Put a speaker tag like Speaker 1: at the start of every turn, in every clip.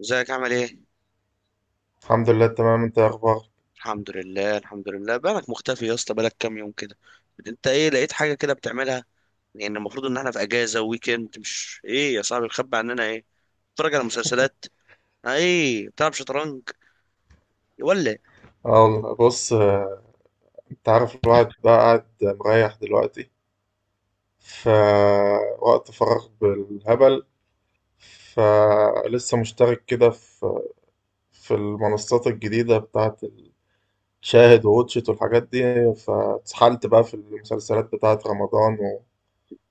Speaker 1: ازيك عامل ايه؟
Speaker 2: الحمد لله تمام. انت ايه اخبارك؟
Speaker 1: الحمد لله، الحمد لله. بالك مختفي يا اسطى، بالك كام يوم كده. انت ايه؟ لقيت حاجة كده بتعملها؟ يعني المفروض ان احنا في اجازة ويكند، مش ايه يا صاحبي؟ مخبي عننا ايه؟ بتتفرج على مسلسلات؟ اه، ايه بتلعب شطرنج؟ يولع.
Speaker 2: اه والله بص، انت عارف الواحد بقى قاعد مريح دلوقتي، فوقت فراغ بالهبل. فلسه مشترك كده في المنصات الجديدة بتاعت شاهد ووتشت والحاجات دي. فاتسحلت بقى في المسلسلات بتاعت رمضان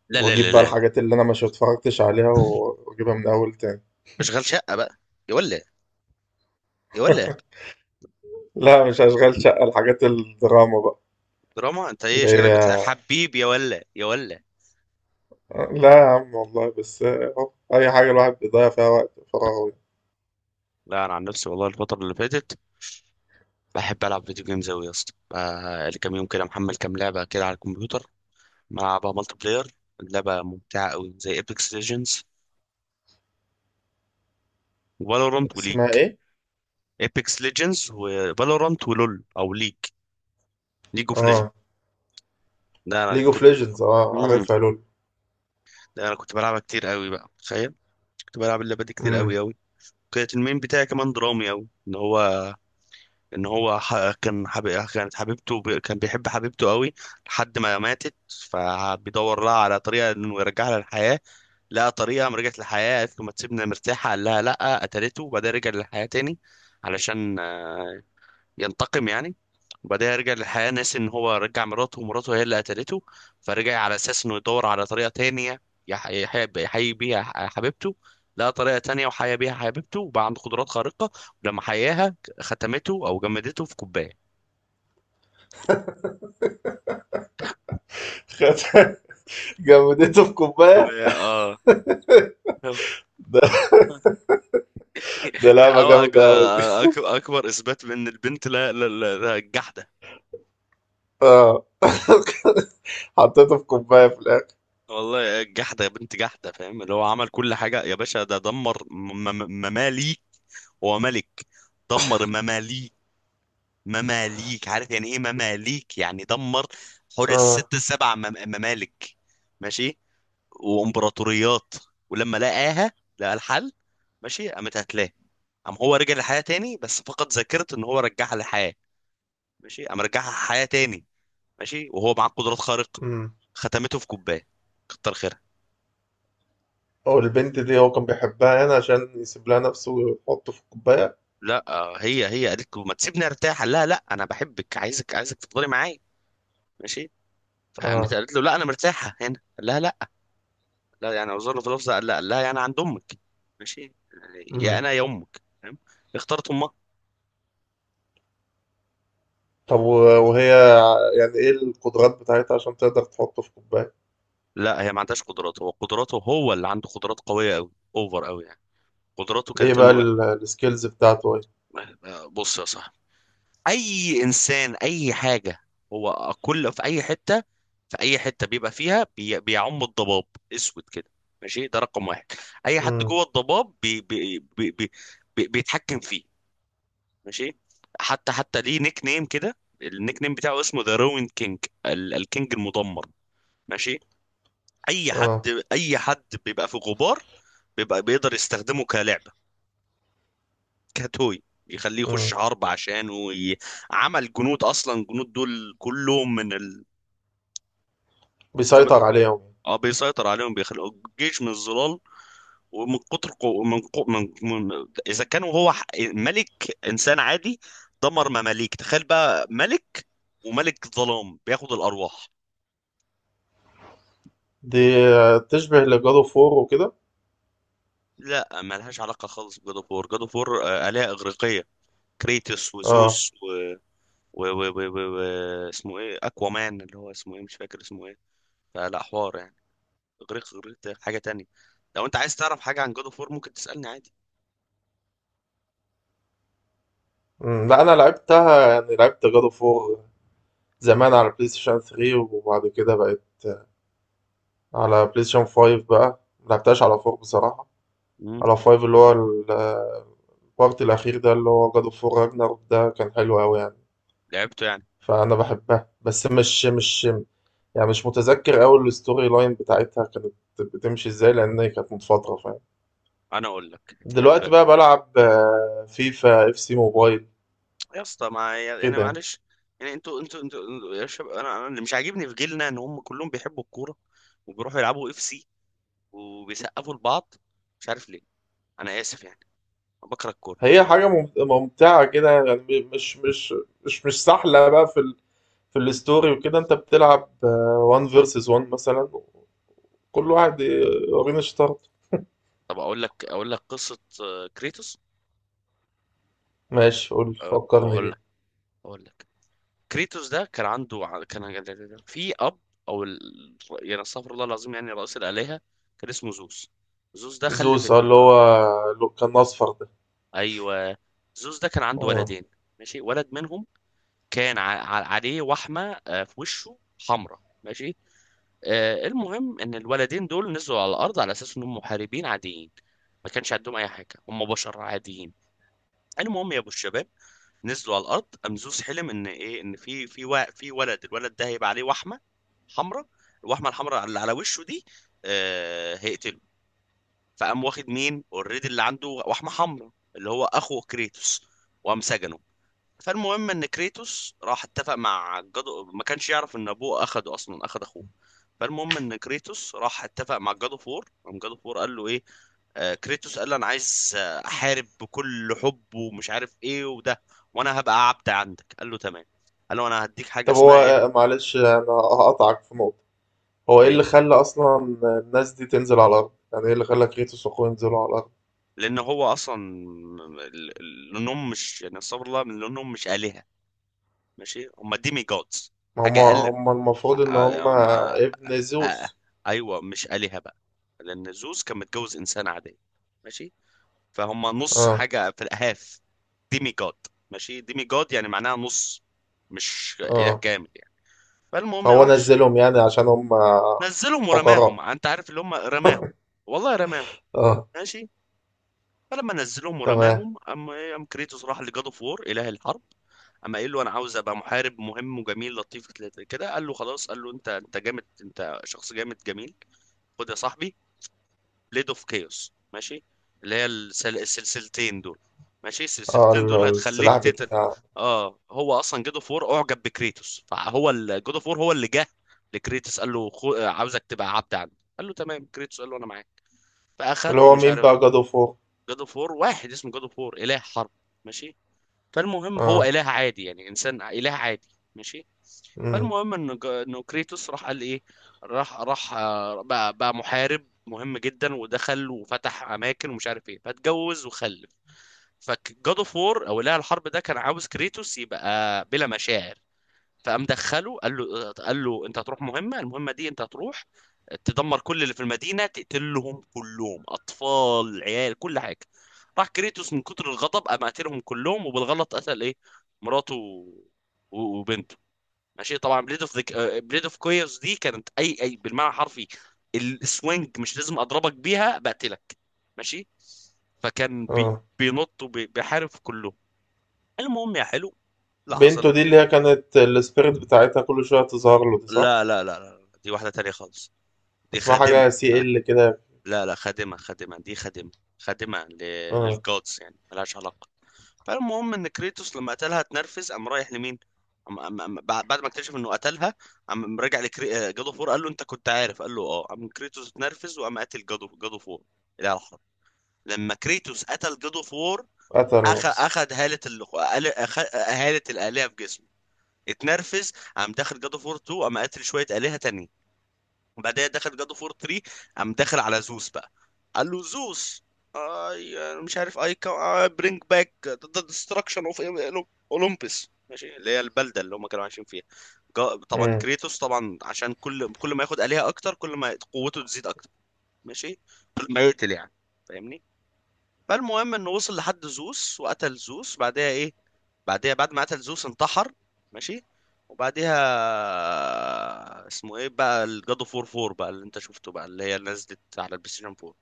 Speaker 1: لا لا
Speaker 2: واجيب
Speaker 1: لا
Speaker 2: بقى
Speaker 1: لا
Speaker 2: الحاجات اللي انا مش اتفرجتش عليها واجيبها من اول تاني.
Speaker 1: اشغال شقة بقى. يولع. يولع.
Speaker 2: لا، مش اشغال شقة، الحاجات الدراما بقى
Speaker 1: دراما؟ انت ايه
Speaker 2: اللي
Speaker 1: شكلك؟
Speaker 2: هي.
Speaker 1: حبيبي يا ولا، يا ولا.
Speaker 2: لا يا عم والله، بس أهو، أي حاجة الواحد بيضيع فيها وقت فراغه.
Speaker 1: لا، انا عن نفسي والله الفترة اللي فاتت بحب العب فيديو جيمز اوي يا اسطى. بقى لي كام يوم كده محمل كام لعبة كده على الكمبيوتر. ملعبها مالتي بلاير. اللعبة ممتعة أوي، زي ايبكس ليجندز وفالورانت وليج.
Speaker 2: اسمها إيه؟
Speaker 1: ايبكس ليجندز وفالورانت ولول أو ليج، ليج اوف ليجند.
Speaker 2: آه،
Speaker 1: ده أنا
Speaker 2: ليج أوف
Speaker 1: كنت.
Speaker 2: ليجندز، آه
Speaker 1: مم.
Speaker 2: عارفها، لول.
Speaker 1: ده أنا كنت بلعبها كتير أوي بقى، تخيل. كنت بلعب اللعبة دي كتير
Speaker 2: امم.
Speaker 1: أوي أوي. كانت المين بتاعي كمان درامي أوي، إن هو إن هو ح... كان حب... كانت حبيبته كان بيحب حبيبته أوي، لحد ما ماتت. فبيدور لها على طريقة إنه يرجعها للحياة. لقى طريقه، قام رجعت للحياه، قالت له ما تسيبنا مرتاحه، قال لها لا، قتلته، وبعدين رجع للحياه تاني. علشان ينتقم يعني. وبعدين رجع للحياه ناسي ان هو رجع مراته، ومراته هي اللي قتلته. فرجع على اساس انه يدور على طريقه تانية يحيي بيها حبيبته. لقى طريقه تانية وحيا بيها حبيبته، وبقى عنده قدرات خارقه. ولما حياها ختمته او جمدته في كوبايه.
Speaker 2: جمدته في كوباية.
Speaker 1: اه.
Speaker 2: ده ده لعبة
Speaker 1: أو أك-
Speaker 2: جامدة أوي دي.
Speaker 1: اكبر اثبات من البنت، الجحد.
Speaker 2: آه، حطيته في كوباية في الآخر.
Speaker 1: والله جحدة يا بنت، جحدة. فاهم؟ اللي هو عمل كل حاجة يا باشا. ده دمر مماليك. هو ملك. دمر مماليك. مماليك، عارف يعني ايه مماليك؟ يعني دمر حوالي
Speaker 2: آه.
Speaker 1: الست سبع ممالك. ماشي، وامبراطوريات. ولما لقاها، لقى الحل. ماشي، قامت هتلاه. قام هو رجع للحياة تاني، بس فقد ذاكرة ان هو رجعها للحياة. ماشي، قام رجعها حياة تاني. ماشي، وهو معاه قدرات خارقة.
Speaker 2: امم.
Speaker 1: ختمته في كوباية. كتر خيرها.
Speaker 2: والبنت دي هو كان بيحبها، هنا عشان يسيب لها نفسه ويحطه في الكوباية؟
Speaker 1: لا، هي هي قالت له ما تسيبني ارتاح، قال لها لا، انا بحبك، عايزك عايزك تفضلي معايا. ماشي. فقامت
Speaker 2: آه.
Speaker 1: قالت له لا، انا مرتاحه هنا، قال لها لا. لا يعني وزارة في لفظه، قال لها، قال لها يعني عند امك. ماشي، يا
Speaker 2: امم.
Speaker 1: انا يا امك، فاهم؟ اختارت امها.
Speaker 2: طب وهي يعني إيه القدرات بتاعتها عشان تقدر تحطه في كوباية؟
Speaker 1: لا، هي ما عندهاش قدرات. هو قدراته، هو اللي عنده قدرات قويه قوي، اوفر قوي يعني. قدراته
Speaker 2: إيه
Speaker 1: كانت
Speaker 2: بقى
Speaker 1: انه
Speaker 2: السكيلز بتاعته؟
Speaker 1: بص يا صاحبي، اي انسان، اي حاجه، هو كل في اي حته، في اي حته بيبقى فيها بيعم الضباب، اسود كده. ماشي، ده رقم واحد. اي حد
Speaker 2: إيه؟
Speaker 1: جوه الضباب بيتحكم فيه. ماشي. حتى ليه نيك نيم كده، النيك نيم بتاعه اسمه ذا روين كينج، الكينج المدمر. ماشي. اي حد،
Speaker 2: اه.
Speaker 1: اي حد بيبقى في غبار، بيبقى بيقدر يستخدمه كلعبه، كتوي يخليه يخش
Speaker 2: امم.
Speaker 1: حرب عشانه عمل جنود. اصلا الجنود دول كلهم من، زي ما
Speaker 2: بيسيطر
Speaker 1: تقول،
Speaker 2: عليهم.
Speaker 1: اه بيسيطر عليهم، بيخلق جيش من الظلال. ومن كتر من، اذا كان هو ملك انسان عادي دمر مماليك، تخيل بقى ملك، وملك ظلام بياخد الارواح.
Speaker 2: دي، تشبه لجادو فور وكده.
Speaker 1: لا، ملهاش علاقه خالص بجود اوف وور. جود اوف وور الهه اغريقيه، كريتوس
Speaker 2: اه.
Speaker 1: وزوس و اسمه ايه، اكوامان، اللي هو اسمه ايه، مش فاكر اسمه ايه. فلا حوار يعني. اغريق، اغريق ده حاجه تانية. لو انت عايز تعرف حاجه عن جود اوف وور ممكن تسالني عادي.
Speaker 2: امم. لا، انا لعبتها، يعني لعبت جادو فور زمان على بلاي ستيشن 3، وبعد كده بقت على بلاي ستيشن 5. بقى ملعبتهاش على 4 بصراحة.
Speaker 1: مم.
Speaker 2: على 5 اللي هو البارت الأخير، ده اللي هو جادو فور راجناروك، ده كان حلو أوي يعني.
Speaker 1: لعبته يعني.
Speaker 2: فأنا بحبها، بس مش يعني مش متذكر أوي الستوري لاين بتاعتها كانت بتمشي ازاي، لأن هي كانت من فترة.
Speaker 1: انا اقول لك،
Speaker 2: دلوقتي
Speaker 1: تحب
Speaker 2: بقى بلعب فيفا اف سي موبايل
Speaker 1: يا اسطى؟ ما يعني انا
Speaker 2: كده.
Speaker 1: معلش يعني، انتوا يا شباب، انا اللي مش عاجبني في جيلنا ان هم كلهم بيحبوا الكوره وبيروحوا يلعبوا اف سي وبيسقفوا لبعض، مش عارف ليه. انا اسف يعني، أنا بكره الكوره.
Speaker 2: هي حاجة ممتعة كده، يعني مش سهلة بقى في الستوري وكده. انت بتلعب 1 فيرسز 1 مثلا، كل واحد يورينا شطارته.
Speaker 1: طب اقول لك، اقول لك قصه كريتوس.
Speaker 2: ماشي، قول فكرني
Speaker 1: هقول
Speaker 2: بيه.
Speaker 1: لك، هقول لك. كريتوس ده كان عنده كان في اب، او يعني استغفر الله العظيم، يعني رئيس الالهه، كان اسمه زوس. زوس ده خلف
Speaker 2: زوس،
Speaker 1: اتنين،
Speaker 2: اللي
Speaker 1: اه.
Speaker 2: هو اللي كان اصفر ده.
Speaker 1: ايوه، زوس ده كان عنده
Speaker 2: آه.
Speaker 1: ولدين. ماشي، ولد منهم كان عليه وحمه في وشه حمراء. ماشي. المهم ان الولدين دول نزلوا على الارض على اساس انهم محاربين عاديين، ما كانش عندهم اي حاجه، هم بشر عاديين. المهم يا ابو الشباب، نزلوا على الارض. قام زوس حلم ان ايه، ان في، في ولد، الولد ده هيبقى عليه وحمه حمراء، الوحمه الحمراء اللي على وشه دي، هيقتله. فقام واخد مين اوريدي اللي عنده وحمه حمراء، اللي هو اخو كريتوس، وقام سجنه. فالمهم ان كريتوس راح اتفق مع جادو، ما كانش يعرف ان ابوه اخده، اصلا اخد اخوه. فالمهم ان كريتوس راح اتفق مع جادو فور. قام جادو فور قال له ايه، آه كريتوس قال له انا عايز احارب بكل حب ومش عارف ايه وده، وانا هبقى عبد عندك. قال له تمام. قال له انا هديك حاجه
Speaker 2: طب هو
Speaker 1: اسمها ايه.
Speaker 2: معلش انا هقطعك في نقطة. هو ايه
Speaker 1: ايه.
Speaker 2: اللي خلى اصلا الناس دي تنزل على الارض؟ يعني ايه اللي خلى كريتوس واخوه ينزلوا على الارض؟
Speaker 1: لان هو اصلا، لانهم مش يعني استغفر الله، لانهم مش الهه. ماشي، هم ديمي جودز،
Speaker 2: هما
Speaker 1: حاجه اقل. آه،
Speaker 2: هما المفروض ان
Speaker 1: آه،
Speaker 2: هما
Speaker 1: ما
Speaker 2: ابن
Speaker 1: آه، آه،
Speaker 2: زيوس.
Speaker 1: ايوه، مش آلهة بقى. لان زوس كان متجوز انسان عادي. ماشي، فهم نص
Speaker 2: اه.
Speaker 1: حاجة في الاهاف. ديمي جاد. ماشي، ديمي جاد يعني معناها نص، مش اله
Speaker 2: اه.
Speaker 1: كامل يعني. فالمهم يا
Speaker 2: فهو
Speaker 1: وحش،
Speaker 2: نزلهم يعني عشان هما.
Speaker 1: نزلهم ورماهم،
Speaker 2: حقراء.
Speaker 1: انت عارف اللي هم رماهم، والله رماهم.
Speaker 2: اه.
Speaker 1: ماشي. فلما نزلهم
Speaker 2: تمام.
Speaker 1: ورماهم، ام كريتوس راح لجاد اوف وور، اله الحرب. اما قال له انا عاوز ابقى محارب مهم وجميل لطيف كده، قال له خلاص، قال له انت انت جامد، انت شخص جامد جميل. خد يا صاحبي، بليد اوف كيوس. ماشي، اللي هي السلسلتين دول. ماشي،
Speaker 2: اه
Speaker 1: السلسلتين دول
Speaker 2: السلاح
Speaker 1: هتخليك تتل.
Speaker 2: بتاع.
Speaker 1: اه هو اصلا جود اوف وور اعجب بكريتوس، فهو جود اوف وور هو اللي جه لكريتوس قال له خو... آه، عاوزك تبقى عبد عندي. قال له تمام، كريتوس قال له انا معاك.
Speaker 2: اللي
Speaker 1: فاخد
Speaker 2: هو
Speaker 1: ومش
Speaker 2: مين
Speaker 1: عارف.
Speaker 2: بقى جاد اوف وور؟
Speaker 1: جود اوف وور واحد اسمه جود اوف وور، اله حرب. ماشي، فالمهم هو
Speaker 2: اه.
Speaker 1: اله عادي يعني، انسان اله عادي. ماشي.
Speaker 2: امم.
Speaker 1: فالمهم انه كريتوس راح قال ايه، راح بقى محارب مهم جدا، ودخل وفتح اماكن ومش عارف ايه، فاتجوز وخلف. فجاد اوف وور او اله الحرب ده كان عاوز كريتوس يبقى بلا مشاعر. فقام دخله، قال له انت هتروح مهمه، المهمه دي انت هتروح تدمر كل اللي في المدينه، تقتلهم كلهم، اطفال، عيال، كل حاجه. راح كريتوس من كتر الغضب، قام قاتلهم كلهم، وبالغلط قتل ايه، مراته وبنته. ماشي. طبعا بليد اوف، بليد اوف كويرز دي، كانت اي اي بالمعنى الحرفي. السوينج مش لازم اضربك بيها بقتلك. ماشي. فكان بي
Speaker 2: اه.
Speaker 1: بينط وبيحارب في كله. المهم يا حلو، لا
Speaker 2: بنته
Speaker 1: حصل.
Speaker 2: دي اللي هي كانت السبيريت بتاعتها كل شوية تظهر له، دي صح؟
Speaker 1: لا لا لا لا، دي واحدة تانية خالص، دي
Speaker 2: اسمها
Speaker 1: خادمة.
Speaker 2: حاجة سي
Speaker 1: آه،
Speaker 2: ال كده.
Speaker 1: لا لا، خادمة، خادمة، دي خادمة. خادمة
Speaker 2: اه.
Speaker 1: للجودز يعني، ملهاش علاقة. فالمهم ان كريتوس لما قتلها اتنرفز، قام رايح لمين، بعد، بعد ما اكتشف انه قتلها، قام رجع جادو فور، قال له انت كنت عارف، قال له اه، قام كريتوس اتنرفز وقام قاتل جادو فور، الاله الحرب. لما كريتوس قتل جادو فور،
Speaker 2: قتل نفسه.
Speaker 1: اخد هالة هالة الالهه في جسمه. اتنرفز، قام داخل جادو فور 2، قام قاتل شويه الهه تانية. وبعدها دخل جاد اوف وور 3، قام داخل على زوس بقى، قال له زوس، اي، مش عارف اي، برينج باك ذا ديستراكشن اوف اولمبس. ماشي، اللي هي البلده اللي هم كانوا عايشين فيها. جا- طبعا
Speaker 2: امم.
Speaker 1: كريتوس، طبعا عشان كل ما ياخد آلهة اكتر، كل ما قوته تزيد اكتر. ماشي، كل ما يقتل يعني، فاهمني؟ فالمهم انه وصل لحد زوس، وقتل زوس. بعدها ايه؟ بعدها بعد ما قتل زوس انتحر. ماشي. وبعديها اسمه ايه بقى، الجادو فور فور بقى اللي انت شفته بقى، اللي هي اللي نزلت على البلاي ستيشن 4،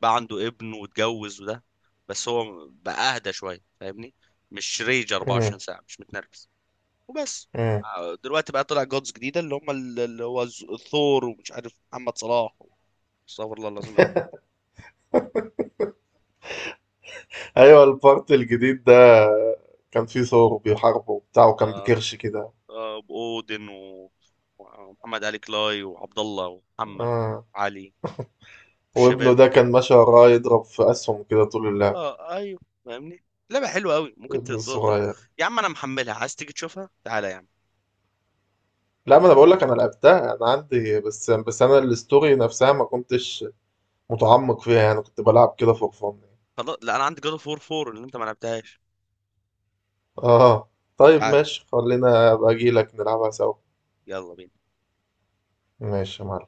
Speaker 1: بقى عنده ابن واتجوز وده، بس هو بقى اهدى شويه، فاهمني؟ مش ريج 24
Speaker 2: امم.
Speaker 1: ساعه، مش متنرفز. وبس.
Speaker 2: امم.
Speaker 1: دلوقتي بقى طلع جودز جديده، اللي هم اللي هو الثور، ومش عارف محمد صلاح، استغفر الله العظيم يا رب.
Speaker 2: ايوه، البارت الجديد ده كان فيه ثور بيحاربه وبتاع، وكان
Speaker 1: آه،
Speaker 2: بكرش كده.
Speaker 1: آه، واودن ومحمد علي كلاي، وعبد الله، ومحمد
Speaker 2: اه.
Speaker 1: علي،
Speaker 2: وابنه
Speaker 1: والشباب.
Speaker 2: ده كان ماشي وراه يضرب في اسهم كده طول اللعب.
Speaker 1: اه ايوه، فاهمني؟ لعبه حلوه قوي، ممكن
Speaker 2: ابن
Speaker 1: تدور ده.
Speaker 2: الصغير.
Speaker 1: يا عم انا محملها، عايز تيجي تشوفها تعالى يا عم.
Speaker 2: لا، ما انا بقول لك انا لعبتها، انا عندي، بس انا الاستوري نفسها ما كنتش متعمق فيها، يعني كنت بلعب كده فور فن.
Speaker 1: خلاص، لا انا عندي جاد اوف وور 4 اللي انت ما لعبتهاش.
Speaker 2: اه، طيب
Speaker 1: تعالى،
Speaker 2: ماشي، خلينا ابقى اجي لك نلعبها سوا.
Speaker 1: يلا بينا.
Speaker 2: ماشي يا معلم.